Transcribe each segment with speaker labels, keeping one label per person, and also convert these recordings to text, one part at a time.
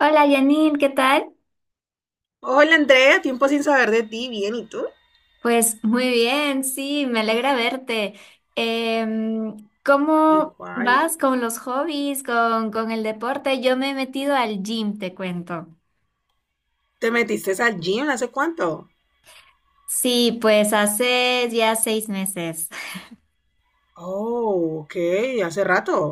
Speaker 1: Hola Janine, ¿qué tal?
Speaker 2: Hola Andrea, tiempo sin saber de ti, bien, ¿y tú?
Speaker 1: Pues muy bien, sí, me alegra verte. ¿Cómo
Speaker 2: Igual.
Speaker 1: vas con los hobbies, con el deporte? Yo me he metido al gym, te cuento.
Speaker 2: ¿Te metiste al gym hace cuánto?
Speaker 1: Sí, pues hace ya 6 meses.
Speaker 2: Oh, ok, hace rato.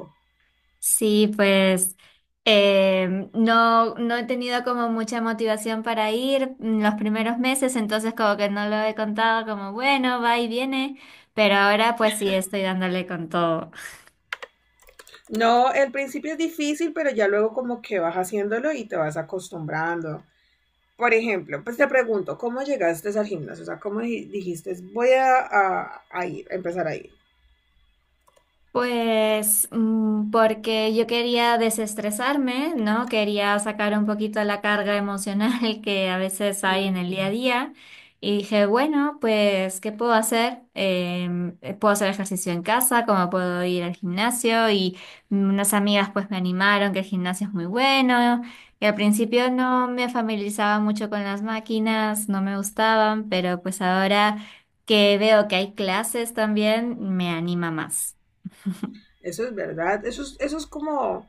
Speaker 1: Sí, pues no he tenido como mucha motivación para ir en los primeros meses, entonces como que no lo he contado como bueno, va y viene, pero ahora pues sí estoy dándole con todo.
Speaker 2: No, el principio es difícil, pero ya luego como que vas haciéndolo y te vas acostumbrando. Por ejemplo, pues te pregunto, ¿cómo llegaste al gimnasio? O sea, ¿cómo dijiste, voy a, a ir, a empezar a ir?
Speaker 1: Pues porque yo quería desestresarme, ¿no? Quería sacar un poquito la carga emocional que a veces hay en el día a
Speaker 2: Mm,
Speaker 1: día. Y dije, bueno, pues, ¿qué puedo hacer? Puedo hacer ejercicio en casa, como puedo ir al gimnasio. Y unas amigas pues me animaron que el gimnasio es muy bueno. Y al principio no me familiarizaba mucho con las máquinas, no me gustaban, pero pues ahora que veo que hay clases también, me anima más.
Speaker 2: eso es verdad, eso es como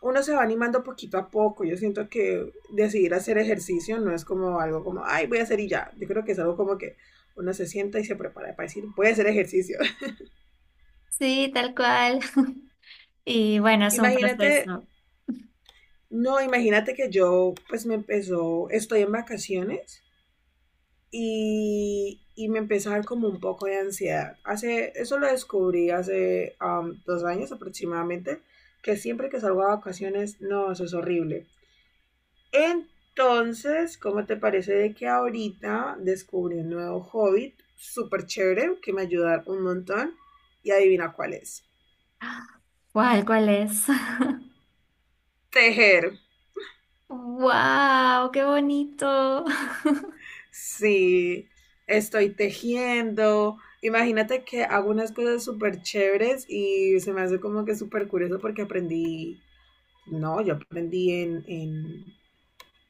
Speaker 2: uno se va animando poquito a poco. Yo siento que decidir hacer ejercicio no es como algo como, ay, voy a hacer y ya. Yo creo que es algo como que uno se sienta y se prepara para decir, voy a hacer ejercicio.
Speaker 1: Sí, tal cual. Y bueno, es un
Speaker 2: Imagínate,
Speaker 1: proceso.
Speaker 2: no, imagínate que yo pues me empezó, estoy en vacaciones y me empezó a dar como un poco de ansiedad. Hace, eso lo descubrí hace 2 años aproximadamente, que siempre que salgo a vacaciones, no, eso es horrible. Entonces, ¿cómo te parece de que ahorita descubrí un nuevo hobby súper chévere que me ayuda un montón? Y adivina cuál es.
Speaker 1: ¿Cuál, cuál es?
Speaker 2: Tejer.
Speaker 1: ¡Wow! ¡Qué bonito!
Speaker 2: Sí, estoy tejiendo. Imagínate que hago unas cosas súper chéveres y se me hace como que súper curioso porque aprendí, no, yo aprendí en, en,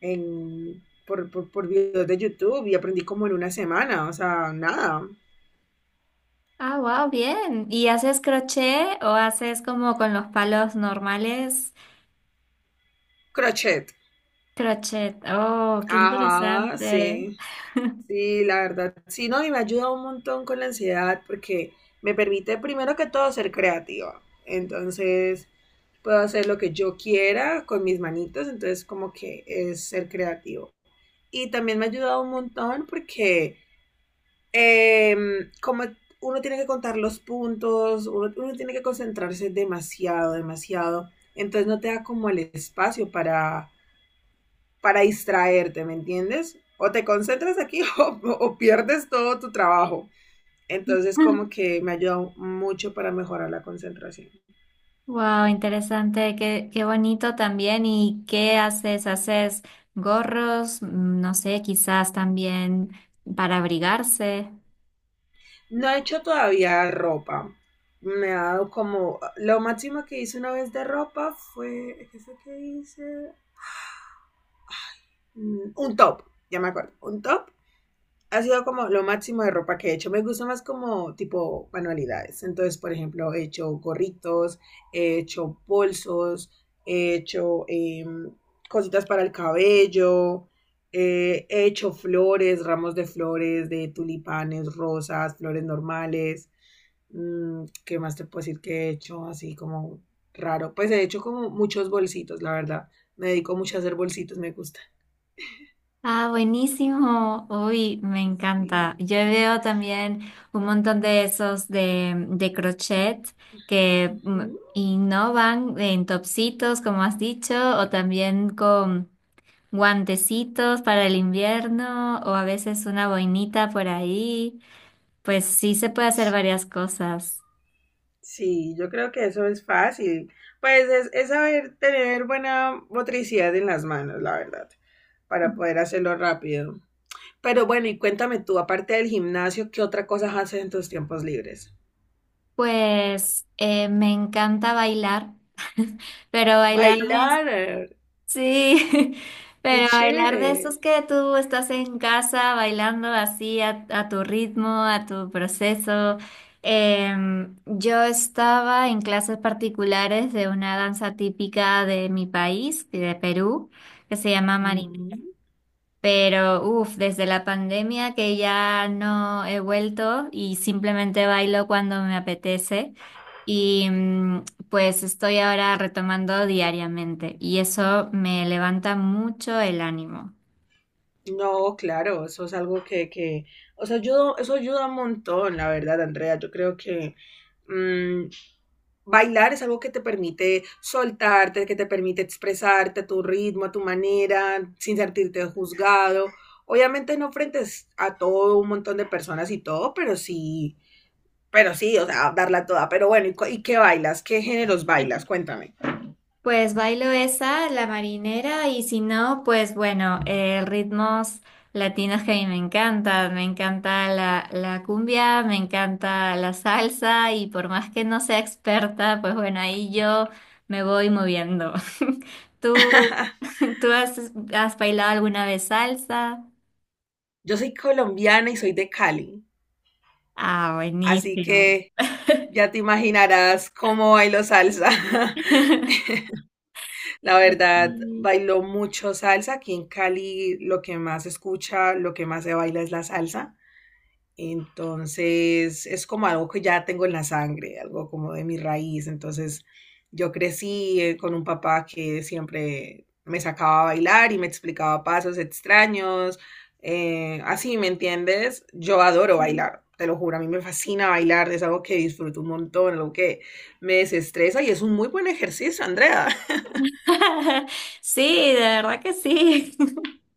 Speaker 2: en- por videos de YouTube y aprendí como en una semana, o sea, nada.
Speaker 1: Ah, wow, bien. ¿Y haces crochet o haces como con los palos normales?
Speaker 2: Crochet.
Speaker 1: Crochet. Oh, qué
Speaker 2: Ajá,
Speaker 1: interesante.
Speaker 2: sí. Sí, la verdad, sí, no, y me ayuda un montón con la ansiedad porque me permite primero que todo ser creativa. Entonces, puedo hacer lo que yo quiera con mis manitos, entonces como que es ser creativo. Y también me ha ayudado un montón porque como uno tiene que contar los puntos, uno tiene que concentrarse demasiado, demasiado, entonces no te da como el espacio para distraerte, ¿me entiendes? O te concentras aquí o pierdes todo tu trabajo. Entonces como que me ayudó mucho para mejorar la concentración.
Speaker 1: Wow, interesante. Qué, qué bonito también. ¿Y qué haces? ¿Haces gorros? No sé, quizás también para abrigarse.
Speaker 2: No he hecho todavía ropa. Me ha dado como... Lo máximo que hice una vez de ropa fue... ¿Qué es lo que hice? Mm, un top, ya me acuerdo. Un top ha sido como lo máximo de ropa que he hecho. Me gusta más como tipo manualidades. Entonces, por ejemplo, he hecho gorritos, he hecho bolsos, he hecho cositas para el cabello, he hecho flores, ramos de flores, de tulipanes, rosas, flores normales. Mm, ¿qué más te puedo decir que he hecho así como raro? Pues he hecho como muchos bolsitos, la verdad. Me dedico mucho a hacer bolsitos, me gusta.
Speaker 1: Ah, buenísimo. Uy, me encanta.
Speaker 2: Sí.
Speaker 1: Yo veo también un montón de esos de crochet que
Speaker 2: Ujú.
Speaker 1: innovan en topsitos, como has dicho, o también con guantecitos para el invierno, o a veces una boinita por ahí. Pues sí se puede hacer varias cosas.
Speaker 2: Sí, yo creo que eso es fácil. Pues es saber tener buena motricidad en las manos, la verdad, para poder hacerlo rápido. Pero bueno, y cuéntame tú, aparte del gimnasio, ¿qué otra cosa haces en tus tiempos libres?
Speaker 1: Pues me encanta bailar, pero bailar.
Speaker 2: Bailar,
Speaker 1: Sí,
Speaker 2: qué
Speaker 1: pero bailar de esos
Speaker 2: chévere.
Speaker 1: que tú estás en casa bailando así a tu ritmo, a tu proceso. Yo estaba en clases particulares de una danza típica de mi país, de Perú, que se llama,
Speaker 2: Mm.
Speaker 1: pero uff, desde la pandemia que ya no he vuelto y simplemente bailo cuando me apetece. Y pues estoy ahora retomando diariamente y eso me levanta mucho el ánimo.
Speaker 2: No, claro, eso es algo o sea, ayuda, eso ayuda un montón, la verdad, Andrea. Yo creo que mm, bailar es algo que te permite soltarte, que te permite expresarte a tu ritmo, a tu manera, sin sentirte juzgado. Obviamente no frente a todo un montón de personas y todo, pero sí, o sea, darla toda. Pero bueno, ¿y, y qué bailas? ¿Qué géneros bailas? Cuéntame.
Speaker 1: Pues bailo esa, la marinera, y si no, pues bueno, ritmos latinos que a mí me encantan. Me encanta la cumbia, me encanta la salsa, y por más que no sea experta, pues bueno, ahí yo me voy moviendo. ¿Tú, tú has, has bailado alguna vez salsa?
Speaker 2: Yo soy colombiana y soy de Cali,
Speaker 1: Ah,
Speaker 2: así
Speaker 1: buenísimo.
Speaker 2: que ya te imaginarás cómo bailo salsa. La verdad,
Speaker 1: Sí,
Speaker 2: bailo mucho salsa. Aquí en Cali lo que más se escucha, lo que más se baila es la salsa. Entonces, es como algo que ya tengo en la sangre, algo como de mi raíz. Entonces, yo crecí con un papá que siempre me sacaba a bailar y me explicaba pasos extraños. Así, ¿me entiendes? Yo adoro
Speaker 1: sí.
Speaker 2: bailar, te lo juro, a mí me fascina bailar, es algo que disfruto un montón, algo que me desestresa y es un muy buen ejercicio, Andrea.
Speaker 1: Sí, de verdad que sí.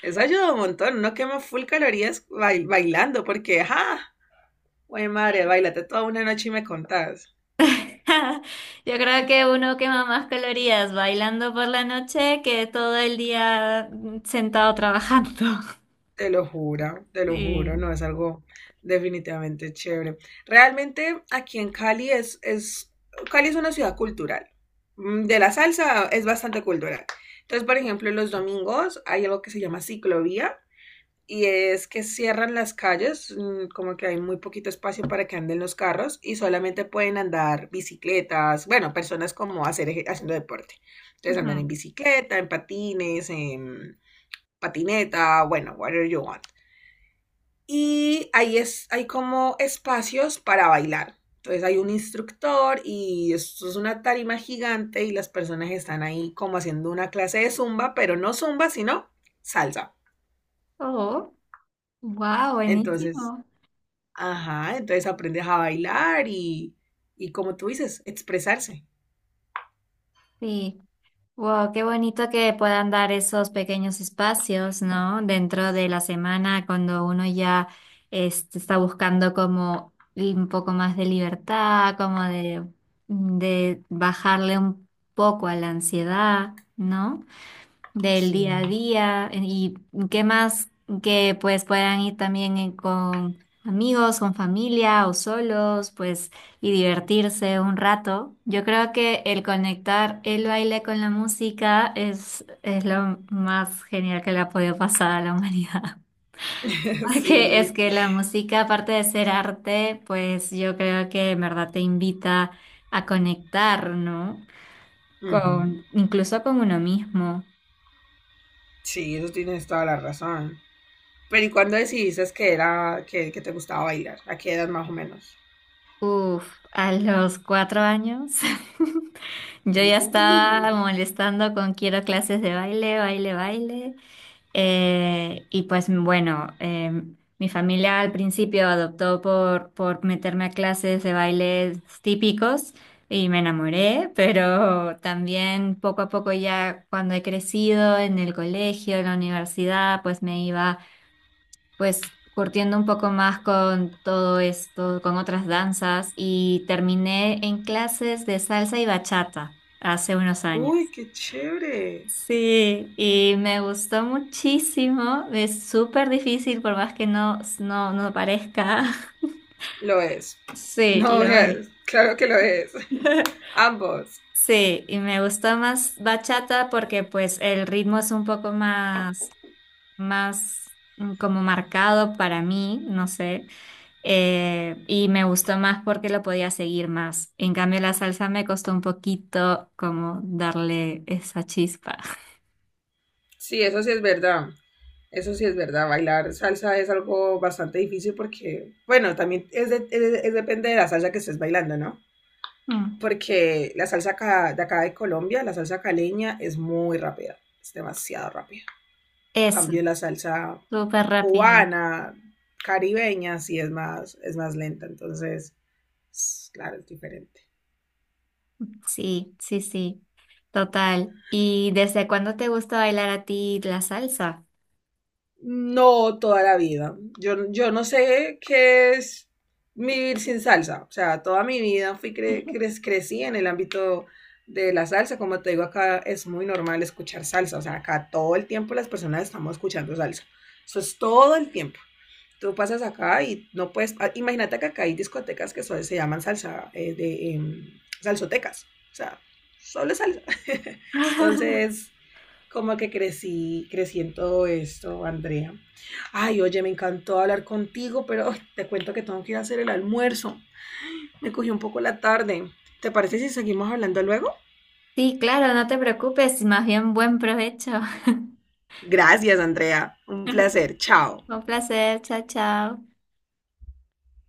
Speaker 2: Eso ayuda un montón, uno quema full calorías bailando porque, ajá, güey madre, bailate toda una noche y me contás.
Speaker 1: Yo creo que uno quema más calorías bailando por la noche que todo el día sentado trabajando.
Speaker 2: Te lo juro,
Speaker 1: Sí.
Speaker 2: no es algo definitivamente chévere. Realmente aquí en Cali Cali es una ciudad cultural. Mm, de la salsa es bastante cultural. Entonces, por ejemplo, los domingos hay algo que se llama ciclovía y es que cierran las calles, mm, como que hay muy poquito espacio para que anden los carros y solamente pueden andar bicicletas, bueno, personas como hacer, haciendo deporte. Entonces andan
Speaker 1: Ujú.
Speaker 2: en bicicleta, en patines, en patineta, bueno, whatever you want y hay como espacios para bailar. Entonces hay un instructor y esto es una tarima gigante y las personas están ahí como haciendo una clase de zumba, pero no zumba, sino salsa.
Speaker 1: Oh, wow,
Speaker 2: Entonces,
Speaker 1: buenísimo.
Speaker 2: ajá, entonces aprendes a bailar y como tú dices, expresarse.
Speaker 1: Sí. Wow, qué bonito que puedan dar esos pequeños espacios, ¿no? Dentro de la semana, cuando uno ya está buscando como un poco más de libertad, como de bajarle un poco a la ansiedad, ¿no? Del
Speaker 2: Sí.
Speaker 1: día a día y qué más que pues puedan ir también con amigos, con familia o solos, pues, y divertirse un rato. Yo creo que el conectar el baile con la música es lo más genial que le ha podido pasar a la humanidad. Porque es
Speaker 2: Sí.
Speaker 1: que la música, aparte de ser arte, pues yo creo que en verdad te invita a conectar, ¿no?
Speaker 2: Ujú.
Speaker 1: Con, incluso con uno mismo.
Speaker 2: Sí, eso tienes toda la razón. Pero ¿y cuándo decidiste que era que te gustaba bailar? ¿A qué edad más o menos?
Speaker 1: Uf, a los 4 años yo ya
Speaker 2: Uh.
Speaker 1: estaba molestando con quiero clases de baile, baile, baile. Y pues bueno, mi familia al principio adoptó por meterme a clases de baile típicos y me enamoré, pero también poco a poco ya cuando he crecido en el colegio, en la universidad, pues me iba pues curtiendo un poco más con todo esto, con otras danzas y terminé en clases de salsa y bachata hace unos
Speaker 2: Uy,
Speaker 1: años.
Speaker 2: qué chévere.
Speaker 1: Sí, y me gustó muchísimo, es súper difícil por más que no, no, no parezca.
Speaker 2: Lo es.
Speaker 1: Sí,
Speaker 2: No
Speaker 1: lo es.
Speaker 2: veas, claro que lo es. Ambos.
Speaker 1: Sí, y me gustó más bachata porque pues el ritmo es un poco más como marcado para mí, no sé. Eh, y me gustó más porque lo podía seguir más. En cambio, la salsa me costó un poquito como darle esa chispa.
Speaker 2: Sí, eso sí es verdad. Eso sí es verdad. Bailar salsa es algo bastante difícil porque, bueno, también es depende de la salsa que estés bailando, ¿no?
Speaker 1: Mm,
Speaker 2: Porque la salsa de acá de Colombia, la salsa caleña, es muy rápida. Es demasiado rápida. En
Speaker 1: eso,
Speaker 2: cambio la salsa
Speaker 1: súper rápida.
Speaker 2: cubana, caribeña, sí es más lenta. Entonces, es- claro, es diferente.
Speaker 1: Sí, sí, sí, total. ¿Y desde cuándo te gusta bailar a ti la salsa?
Speaker 2: No, toda la vida. Yo no sé qué es vivir sin salsa. O sea, toda mi vida fui crecí en el ámbito de la salsa. Como te digo, acá es muy normal escuchar salsa. O sea, acá todo el tiempo las personas estamos escuchando salsa. Eso es todo el tiempo. Tú pasas acá y no puedes... ah, imagínate que acá hay discotecas que se llaman salsa, salsotecas. O sea, solo es salsa. Entonces, como que crecí, crecí en todo esto, Andrea. Ay, oye, me encantó hablar contigo, pero ay, te cuento que tengo que ir a hacer el almuerzo. Me cogió un poco la tarde. ¿Te parece si seguimos hablando luego?
Speaker 1: Sí, claro, no te preocupes, más bien buen provecho.
Speaker 2: Gracias, Andrea. Un placer. Chao.
Speaker 1: Un placer, chao, chao.